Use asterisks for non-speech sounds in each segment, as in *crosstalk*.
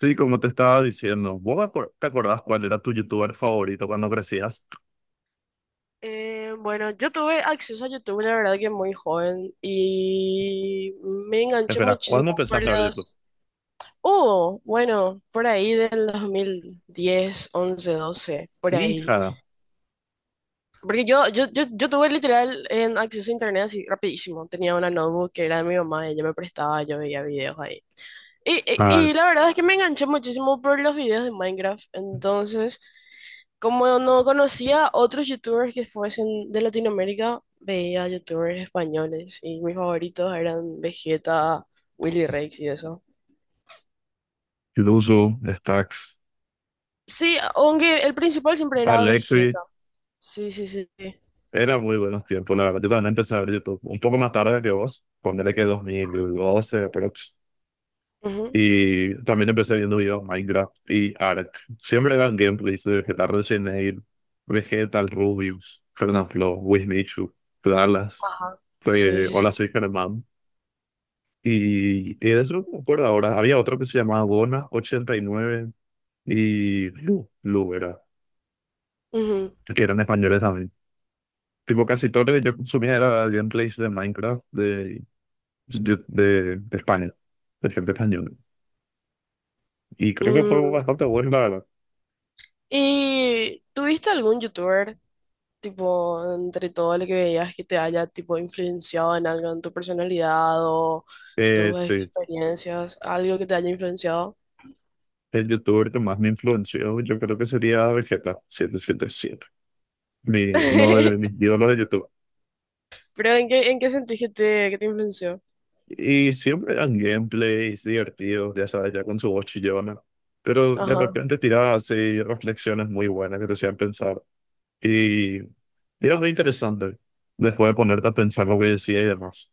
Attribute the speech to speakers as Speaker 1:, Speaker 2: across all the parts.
Speaker 1: Sí, como te estaba diciendo, ¿vos te acordás cuál era tu youtuber favorito cuando crecías?
Speaker 2: Bueno, yo tuve acceso a YouTube, la verdad que muy joven y me enganché
Speaker 1: Espera, ¿cuándo
Speaker 2: muchísimo por
Speaker 1: empezaste a ver YouTube?
Speaker 2: las. Oh, bueno, por ahí del 2010, 11, 12, por ahí.
Speaker 1: Hija.
Speaker 2: Porque yo tuve literal en acceso a internet así rapidísimo. Tenía una notebook que era de mi mamá, ella me prestaba, yo veía videos ahí. Y,
Speaker 1: Ah,
Speaker 2: y, y la verdad es que me enganché muchísimo por los videos de Minecraft. Entonces, como no conocía otros youtubers que fuesen de Latinoamérica, veía youtubers españoles y mis favoritos eran Vegeta, Willy Rex y eso.
Speaker 1: Luzu, Stacks,
Speaker 2: Sí, aunque el principal siempre era
Speaker 1: Alexi.
Speaker 2: Vegeta. Sí, sí, sí, sí.
Speaker 1: Eran muy buenos tiempos, la verdad. Yo también empecé a ver YouTube un poco más tarde que vos. Ponele que 2012, pero...
Speaker 2: Ujú.
Speaker 1: Y también empecé viendo videos Minecraft y Ark. Siempre eran gameplays de Vegeta Resident Vegetal, Rubius, Fernanfloo, Wismichu, Dallas.
Speaker 2: Ajá. Sí, sí, sí.
Speaker 1: Hola, soy Germán. Y de eso no me acuerdo ahora. Había otro que se llamaba Bona 89 y Lu era,
Speaker 2: Ujú.
Speaker 1: que eran españoles también. Tipo, casi todo lo que yo consumía era gameplays de Minecraft de España, de gente española. Y creo que fue
Speaker 2: Mm.
Speaker 1: bastante bueno, la verdad.
Speaker 2: ¿Y tuviste algún youtuber, tipo, entre todo lo que veías que te haya, tipo, influenciado en algo, en tu personalidad o tus
Speaker 1: Sí,
Speaker 2: experiencias, algo que te haya influenciado?
Speaker 1: el youtuber que más me influenció, yo creo que sería Vegeta 777, uno de mis
Speaker 2: *laughs*
Speaker 1: ídolos de YouTube.
Speaker 2: Pero en qué sentís que te influenció?
Speaker 1: Y siempre eran gameplays divertidos, ya sabes, ya con su voz chillona. Pero de
Speaker 2: Ajá.
Speaker 1: repente tiraba así reflexiones muy buenas que te hacían pensar. Y era muy interesante después de ponerte a pensar lo que decía y demás.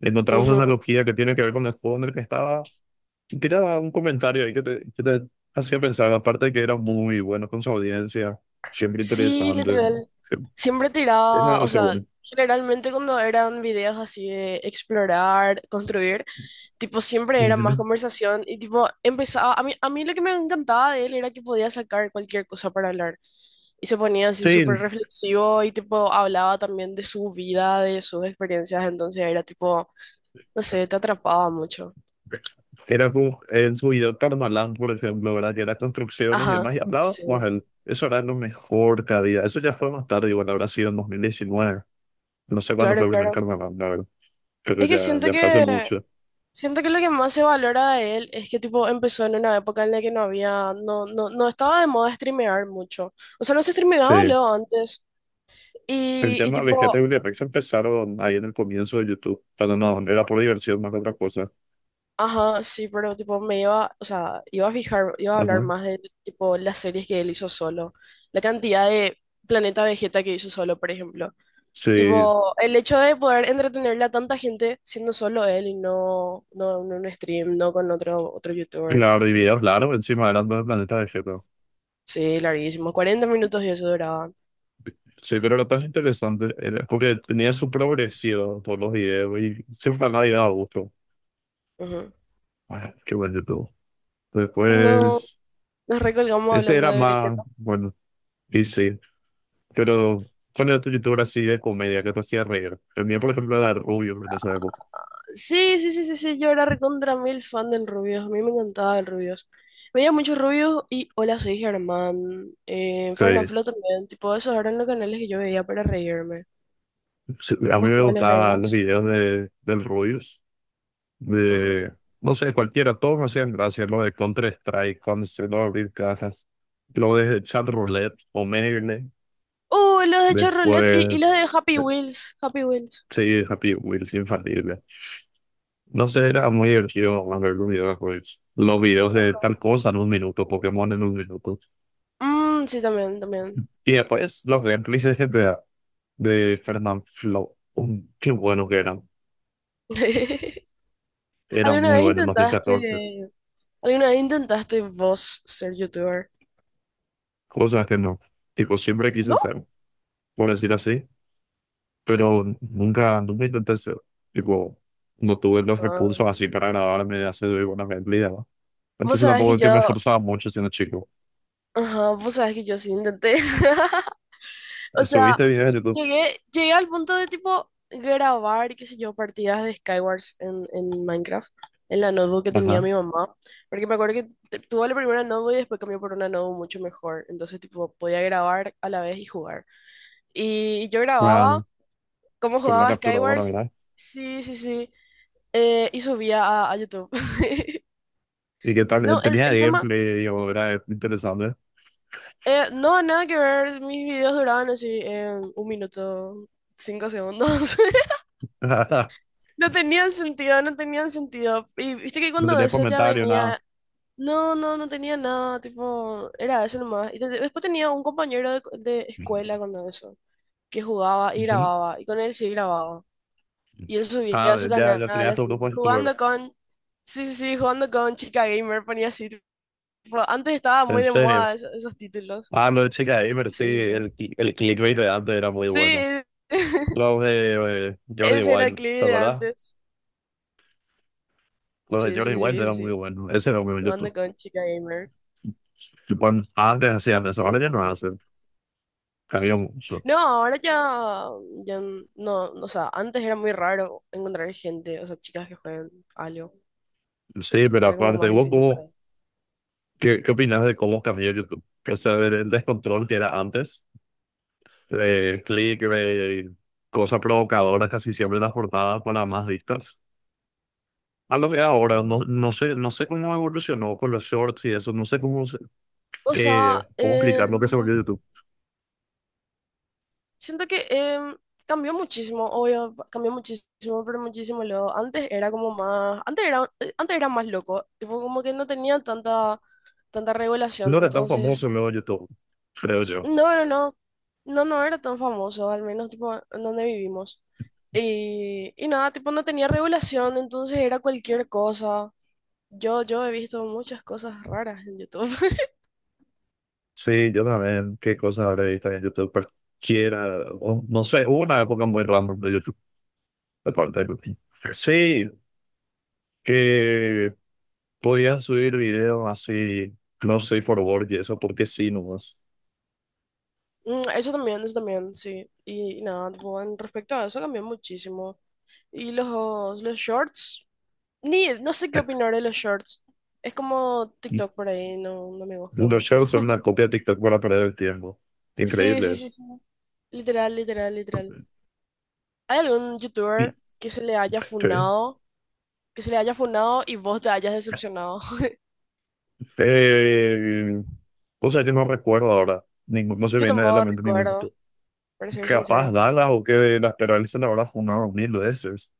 Speaker 1: Encontramos una
Speaker 2: Ujú.
Speaker 1: analogía que tiene que ver con el juego en el que estaba. Tiraba un comentario ahí que te hacía pensar. Aparte de que era muy bueno con su audiencia, siempre
Speaker 2: Sí,
Speaker 1: interesante.
Speaker 2: literal.
Speaker 1: Sí,
Speaker 2: Siempre
Speaker 1: era
Speaker 2: tiraba, o
Speaker 1: demasiado
Speaker 2: sea,
Speaker 1: bueno.
Speaker 2: generalmente cuando eran videos así de explorar, construir, tipo
Speaker 1: *laughs*
Speaker 2: siempre era más
Speaker 1: Ujú.
Speaker 2: conversación y tipo empezaba, a mí lo que me encantaba de él era que podía sacar cualquier cosa para hablar. Y se ponía así
Speaker 1: Sí,
Speaker 2: súper reflexivo y tipo hablaba también de su vida, de sus experiencias, entonces era tipo, no sé, te atrapaba mucho.
Speaker 1: era como en su video Carmalán, por ejemplo, ¿verdad? Que era construcciones y
Speaker 2: Ajá,
Speaker 1: demás, y hablaba
Speaker 2: sí,
Speaker 1: con él. Eso era lo mejor que había. Eso ya fue más tarde, igual habrá sido en 2019. No sé cuándo fue
Speaker 2: claro,
Speaker 1: el primer
Speaker 2: claro.
Speaker 1: Carmalán, la verdad. Pero
Speaker 2: Es que
Speaker 1: ya,
Speaker 2: siento
Speaker 1: ya fue hace
Speaker 2: que
Speaker 1: mucho.
Speaker 2: siento que lo que más se valora de él es que tipo empezó en una época en la que no había, no estaba de moda streamear mucho. O sea, no se streameaba
Speaker 1: Sí.
Speaker 2: luego antes.
Speaker 1: El
Speaker 2: Y
Speaker 1: tema de GTA
Speaker 2: tipo,
Speaker 1: y Rex empezaron ahí en el comienzo de YouTube. Pero no, era por diversión más que otra cosa.
Speaker 2: ajá, sí, pero tipo me iba, o sea, iba a fijar, iba a hablar
Speaker 1: Ajá.
Speaker 2: más de tipo las series que él hizo solo. La cantidad de Planeta Vegeta que hizo solo, por ejemplo.
Speaker 1: Sí,
Speaker 2: Tipo, el hecho de poder entretenerle a tanta gente siendo solo él y no en un stream, no con otro youtuber.
Speaker 1: claro, y videos largos encima eran del planeta de GTA.
Speaker 2: Sí, larguísimo. 40 minutos y eso duraban.
Speaker 1: Sí, pero lo tan interesante era porque tenía su progresión todos los videos y siempre a nadie daba gusto.
Speaker 2: Ujú.
Speaker 1: Ah, qué bueno tú.
Speaker 2: No,
Speaker 1: Después,
Speaker 2: nos recolgamos
Speaker 1: ese
Speaker 2: hablando
Speaker 1: era
Speaker 2: de
Speaker 1: más,
Speaker 2: Vegeta.
Speaker 1: bueno, y sí, pero ¿cuál era tu youtuber así de comedia que te hacía reír? El mío, por ejemplo, era Rubius en esa época.
Speaker 2: Sí, sí, sí, sí, sí. Yo era recontra mil fan del Rubius. A mí me encantaba el Rubius. Veía muchos Rubius y Hola, soy Germán.
Speaker 1: Sí,
Speaker 2: Fernanfloo también. Tipo, esos eran los canales que yo veía para reírme.
Speaker 1: sí, a mí
Speaker 2: ¿Vos
Speaker 1: me
Speaker 2: cuáles
Speaker 1: gustaban los
Speaker 2: veías?
Speaker 1: videos del Rubius,
Speaker 2: Ajá.
Speaker 1: de, no sé, cualquiera, todos me hacían gracia, lo de Counter-Strike, cuando se no abrir cajas, lo de Chat Roulette o Merle,
Speaker 2: Los de Chevrolet y
Speaker 1: después,
Speaker 2: los de Happy
Speaker 1: eh,
Speaker 2: Wheels. Happy Wheels.
Speaker 1: sí, Happy Wheels, infalible. No sé, era muy divertido ver los videojuegos. Los videos de tal cosa en un minuto, Pokémon en un minuto.
Speaker 2: Mm, sí, también, también.
Speaker 1: Y después los gameplays de GTA, de Fernanfloo. Qué buenos que eran.
Speaker 2: *laughs*
Speaker 1: Eran
Speaker 2: ¿Alguna
Speaker 1: muy
Speaker 2: vez
Speaker 1: buenos en 2014.
Speaker 2: intentaste, alguna vez intentaste vos ser youtuber?
Speaker 1: Cosas que no. Tipo, siempre quise
Speaker 2: ¿No?
Speaker 1: ser, por decir así. Pero nunca, nunca intenté ser. Tipo, no tuve los
Speaker 2: Ah,
Speaker 1: recursos así para grabarme de hacer una gameplay, ¿no?
Speaker 2: vos
Speaker 1: Entonces
Speaker 2: sabés
Speaker 1: tampoco
Speaker 2: que
Speaker 1: es que me
Speaker 2: yo,
Speaker 1: esforzaba mucho siendo chico.
Speaker 2: ajá, vos sabés que yo sí intenté. *laughs* O sea,
Speaker 1: Subiste videos de YouTube.
Speaker 2: llegué al punto de tipo grabar, qué sé yo, partidas de Skywars en Minecraft, en la notebook que tenía
Speaker 1: Ajá.
Speaker 2: mi mamá. Porque me acuerdo que tuve la primera notebook y después cambió por una notebook mucho mejor. Entonces, tipo, podía grabar a la vez y jugar. Y yo grababa
Speaker 1: Bueno,
Speaker 2: cómo
Speaker 1: con la
Speaker 2: jugaba
Speaker 1: capturadora,
Speaker 2: Skywars.
Speaker 1: ¿verdad?
Speaker 2: Sí, sí, sí. Y subía a YouTube. *laughs*
Speaker 1: Y que tal,
Speaker 2: No, el,
Speaker 1: tenía
Speaker 2: el tema.
Speaker 1: gameplay, digo, era interesante.
Speaker 2: No, nada que ver. Mis videos duraban así 1 minuto, 5 segundos. *laughs*
Speaker 1: *laughs*
Speaker 2: No tenían sentido, no tenían sentido. Y viste que
Speaker 1: No
Speaker 2: cuando
Speaker 1: tenía
Speaker 2: eso ya
Speaker 1: comentario, nada.
Speaker 2: venía, no tenía nada, tipo, era eso nomás. Y después tenía un compañero de escuela cuando eso, que jugaba y
Speaker 1: Ujú.
Speaker 2: grababa, y con él sí grababa. Y él subía a
Speaker 1: Ah,
Speaker 2: su
Speaker 1: ya,
Speaker 2: canal
Speaker 1: ya tenía
Speaker 2: así,
Speaker 1: todo puesto, pero
Speaker 2: sí, sí, sí, jugando con Chica Gamer, ponía así, tipo, antes estaba
Speaker 1: en
Speaker 2: muy de
Speaker 1: serio.
Speaker 2: moda esos títulos.
Speaker 1: Ah, lo de Chica Gamer, sí,
Speaker 2: Sí, sí, sí.
Speaker 1: el, el clickbait de antes era muy bueno.
Speaker 2: Sí. *laughs*
Speaker 1: Los de Jordi
Speaker 2: Ese era el
Speaker 1: Wild,
Speaker 2: clip
Speaker 1: ¿te
Speaker 2: de
Speaker 1: acuerdas?
Speaker 2: antes.
Speaker 1: Los de
Speaker 2: Sí,
Speaker 1: Jordi
Speaker 2: sí,
Speaker 1: Wild
Speaker 2: sí, sí,
Speaker 1: eran muy
Speaker 2: sí.
Speaker 1: buenos. Ese era muy bueno
Speaker 2: Jugando
Speaker 1: YouTube.
Speaker 2: con chica gamer.
Speaker 1: Tipo, antes hacían eso, ahora
Speaker 2: Sí,
Speaker 1: ya
Speaker 2: sí,
Speaker 1: no
Speaker 2: sí.
Speaker 1: hacen. Cambió mucho.
Speaker 2: No, ahora ya, ya no, o sea, antes era muy raro encontrar gente, o sea, chicas que jueguen algo.
Speaker 1: Sí, pero
Speaker 2: Era como
Speaker 1: aparte,
Speaker 2: más
Speaker 1: ¿vos
Speaker 2: difícil para
Speaker 1: cómo,
Speaker 2: ahí.
Speaker 1: qué, qué opinas de cómo cambió YouTube? O sea, del descontrol que era antes, clickbait, cosas provocadoras, casi siempre las portadas para más vistas. A lo que ahora, no,
Speaker 2: Ajá.
Speaker 1: no sé, no sé cómo evolucionó con los shorts y eso, no sé cómo,
Speaker 2: O
Speaker 1: qué,
Speaker 2: sea,
Speaker 1: cómo explicar lo que se volvió YouTube.
Speaker 2: siento que cambió muchísimo, obvio, cambió muchísimo, pero muchísimo luego. Antes era como más, antes era más loco, tipo como que no tenía tanta
Speaker 1: No
Speaker 2: regulación,
Speaker 1: era tan famoso
Speaker 2: entonces.
Speaker 1: luego YouTube, creo yo.
Speaker 2: No, no, no. No, no era tan famoso, al menos tipo en donde vivimos. Y nada, tipo no tenía regulación, entonces era cualquier cosa. Yo he visto muchas cosas raras en YouTube. *laughs*
Speaker 1: Sí, yo también, qué cosas habré visto en YouTube, cualquiera, o no sé, hubo una época muy random de YouTube, de parte de YouTube. Sí, que podías subir videos así, no sé, for work y eso, porque sí, nomás.
Speaker 2: Mm, eso también, eso también, sí. Y nada, tipo, en respecto a eso cambió muchísimo. Y los shorts, ni, no sé qué opinar de los shorts. Es como TikTok
Speaker 1: *laughs*
Speaker 2: por ahí, no, no me gusta
Speaker 1: Los
Speaker 2: mucho.
Speaker 1: shorts son una
Speaker 2: *laughs*
Speaker 1: copia de TikTok para perder el tiempo.
Speaker 2: Sí,
Speaker 1: Increíble
Speaker 2: sí, sí,
Speaker 1: eso.
Speaker 2: sí. Literal, literal, literal. ¿Hay algún
Speaker 1: Y,
Speaker 2: youtuber que se le haya
Speaker 1: sí.
Speaker 2: funado, que se le haya funado y vos te hayas decepcionado? *laughs*
Speaker 1: Eh, o sea, yo no recuerdo ahora. Ningún, no se me
Speaker 2: Yo
Speaker 1: viene a la
Speaker 2: tampoco
Speaker 1: mente ningún.
Speaker 2: recuerdo, para ser
Speaker 1: Capaz
Speaker 2: sincera.
Speaker 1: Dallas o que las Perales la habrá fundado mil veces.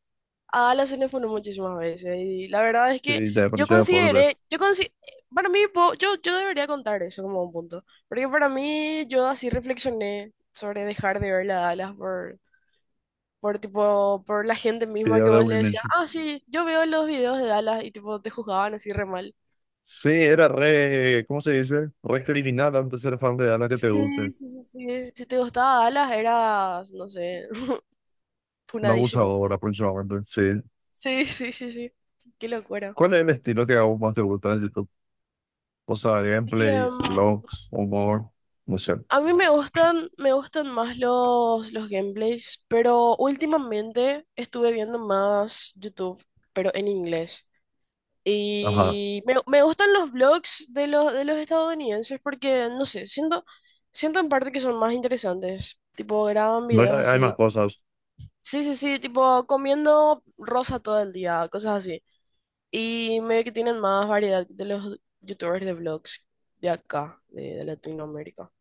Speaker 2: A Ala se le funó muchísimas veces y la verdad es que
Speaker 1: Sí, de
Speaker 2: yo
Speaker 1: apariencia de acuerdo.
Speaker 2: consideré, para mí, yo debería contar eso como un punto, porque para mí yo así reflexioné sobre dejar de ver la Dallas por tipo, por la gente misma
Speaker 1: Video
Speaker 2: que
Speaker 1: de
Speaker 2: vos le decías,
Speaker 1: Wilmington.
Speaker 2: ah, sí, yo veo los videos de Dallas y tipo te juzgaban así re mal.
Speaker 1: Sí, era re, ¿cómo se dice? Re criminal antes de ser fan de Dallas que te
Speaker 2: Sí,
Speaker 1: guste.
Speaker 2: sí, sí, sí. Si te gustaba Dallas, eras, no sé, *laughs*
Speaker 1: Una
Speaker 2: punadísimo.
Speaker 1: abusadora, aproximadamente. Sí.
Speaker 2: Sí, sí, sí, sí. Qué locura.
Speaker 1: ¿Cuál es el estilo que aún más te gusta de YouTube? O sea,
Speaker 2: Es que
Speaker 1: gameplays, vlogs, humor, no sé.
Speaker 2: a mí me gustan más los gameplays, pero últimamente estuve viendo más YouTube, pero en inglés.
Speaker 1: Ajá.
Speaker 2: Y me gustan los vlogs de los estadounidenses porque, no sé, siento en parte que son más interesantes. Tipo, graban
Speaker 1: No, hay
Speaker 2: videos
Speaker 1: hay más
Speaker 2: así.
Speaker 1: cosas.
Speaker 2: Sí, sí, sí, tipo comiendo rosa todo el día, cosas así. Y medio que tienen más variedad de los youtubers de vlogs de acá, de Latinoamérica.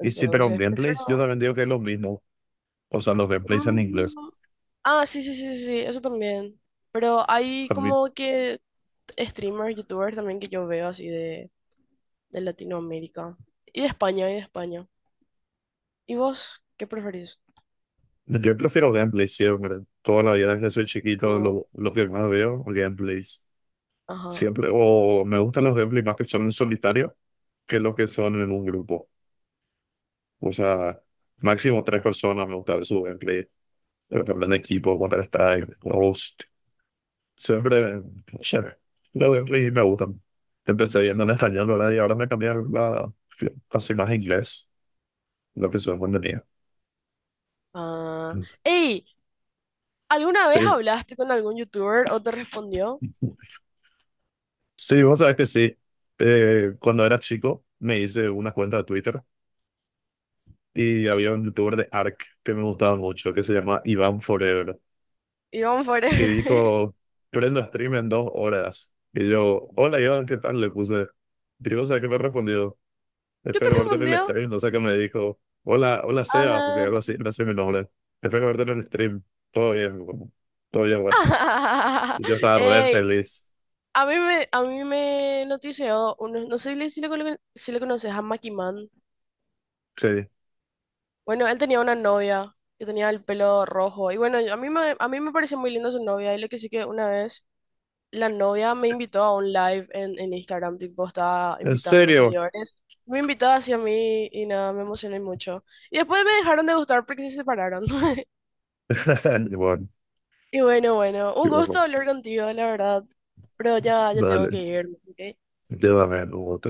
Speaker 1: Y sí, pero en gameplays yo
Speaker 2: prefiero.
Speaker 1: también digo que es lo mismo. O sea, los gameplays en inglés.
Speaker 2: Mm, ah, sí, sí, sí, sí, sí, eso también. Pero hay
Speaker 1: A mí,
Speaker 2: como que streamers, youtubers también que yo veo así de Latinoamérica. Y de España, y de España. ¿Y vos qué preferís?
Speaker 1: yo prefiero gameplays siempre. Toda la vida desde soy chiquito,
Speaker 2: Mm,
Speaker 1: lo que más veo, gameplays.
Speaker 2: ajá.
Speaker 1: Siempre. O me gustan los gameplays más que son en solitario que los que son en un grupo. O sea, máximo tres personas me gusta ver su gameplay. Pero que hablan de equipo, Counter-Strike, Ghost. Siempre, siempre. Los gameplays me gustan. Empecé viendo en español, ¿verdad? Y ahora me cambié a inglés. Lo que su cuando tenía.
Speaker 2: Ah. ¡Ey! ¿Alguna
Speaker 1: Sí,
Speaker 2: vez hablaste con algún youtuber o te respondió?
Speaker 1: sí, vos sabés que sí. Cuando era chico me hice una cuenta de Twitter y había un youtuber de ARK que me gustaba mucho, que se llama Iván Forever,
Speaker 2: Iván
Speaker 1: que
Speaker 2: Forever. *laughs*
Speaker 1: dijo, prendo stream en 2 horas. Y yo, hola Iván, ¿qué tal? Le puse. Y vos sabés que me ha respondido,
Speaker 2: ¿Qué te
Speaker 1: espero verte en el
Speaker 2: respondió?
Speaker 1: stream. No sé qué me dijo, hola, hola Seba, porque
Speaker 2: Ajá.
Speaker 1: algo así, no sé mi nombre. Espero verte en el stream. Todo bien, guapo. Todo bien, guacho.
Speaker 2: *laughs*
Speaker 1: Y yo estaba re
Speaker 2: Ey,
Speaker 1: feliz.
Speaker 2: a mí me notició, uno, no sé si le conoces a Macky Man.
Speaker 1: Sí.
Speaker 2: Bueno, él tenía una novia que tenía el pelo rojo. Y bueno, a mí me pareció muy linda su novia. Y lo que sí que una vez la novia me invitó a un live en Instagram, tipo, estaba
Speaker 1: En
Speaker 2: invitando a
Speaker 1: serio.
Speaker 2: seguidores. Me invitó hacia mí y nada, me emocioné mucho. Y después me dejaron de gustar porque se separaron. *laughs*
Speaker 1: *laughs* Bueno,
Speaker 2: Y bueno, bueno, un gusto
Speaker 1: bueno,
Speaker 2: hablar contigo, la verdad. Pero ya, ya tengo que
Speaker 1: dale,
Speaker 2: irme, ¿ok?
Speaker 1: llévame, luego,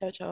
Speaker 2: Chao, chao.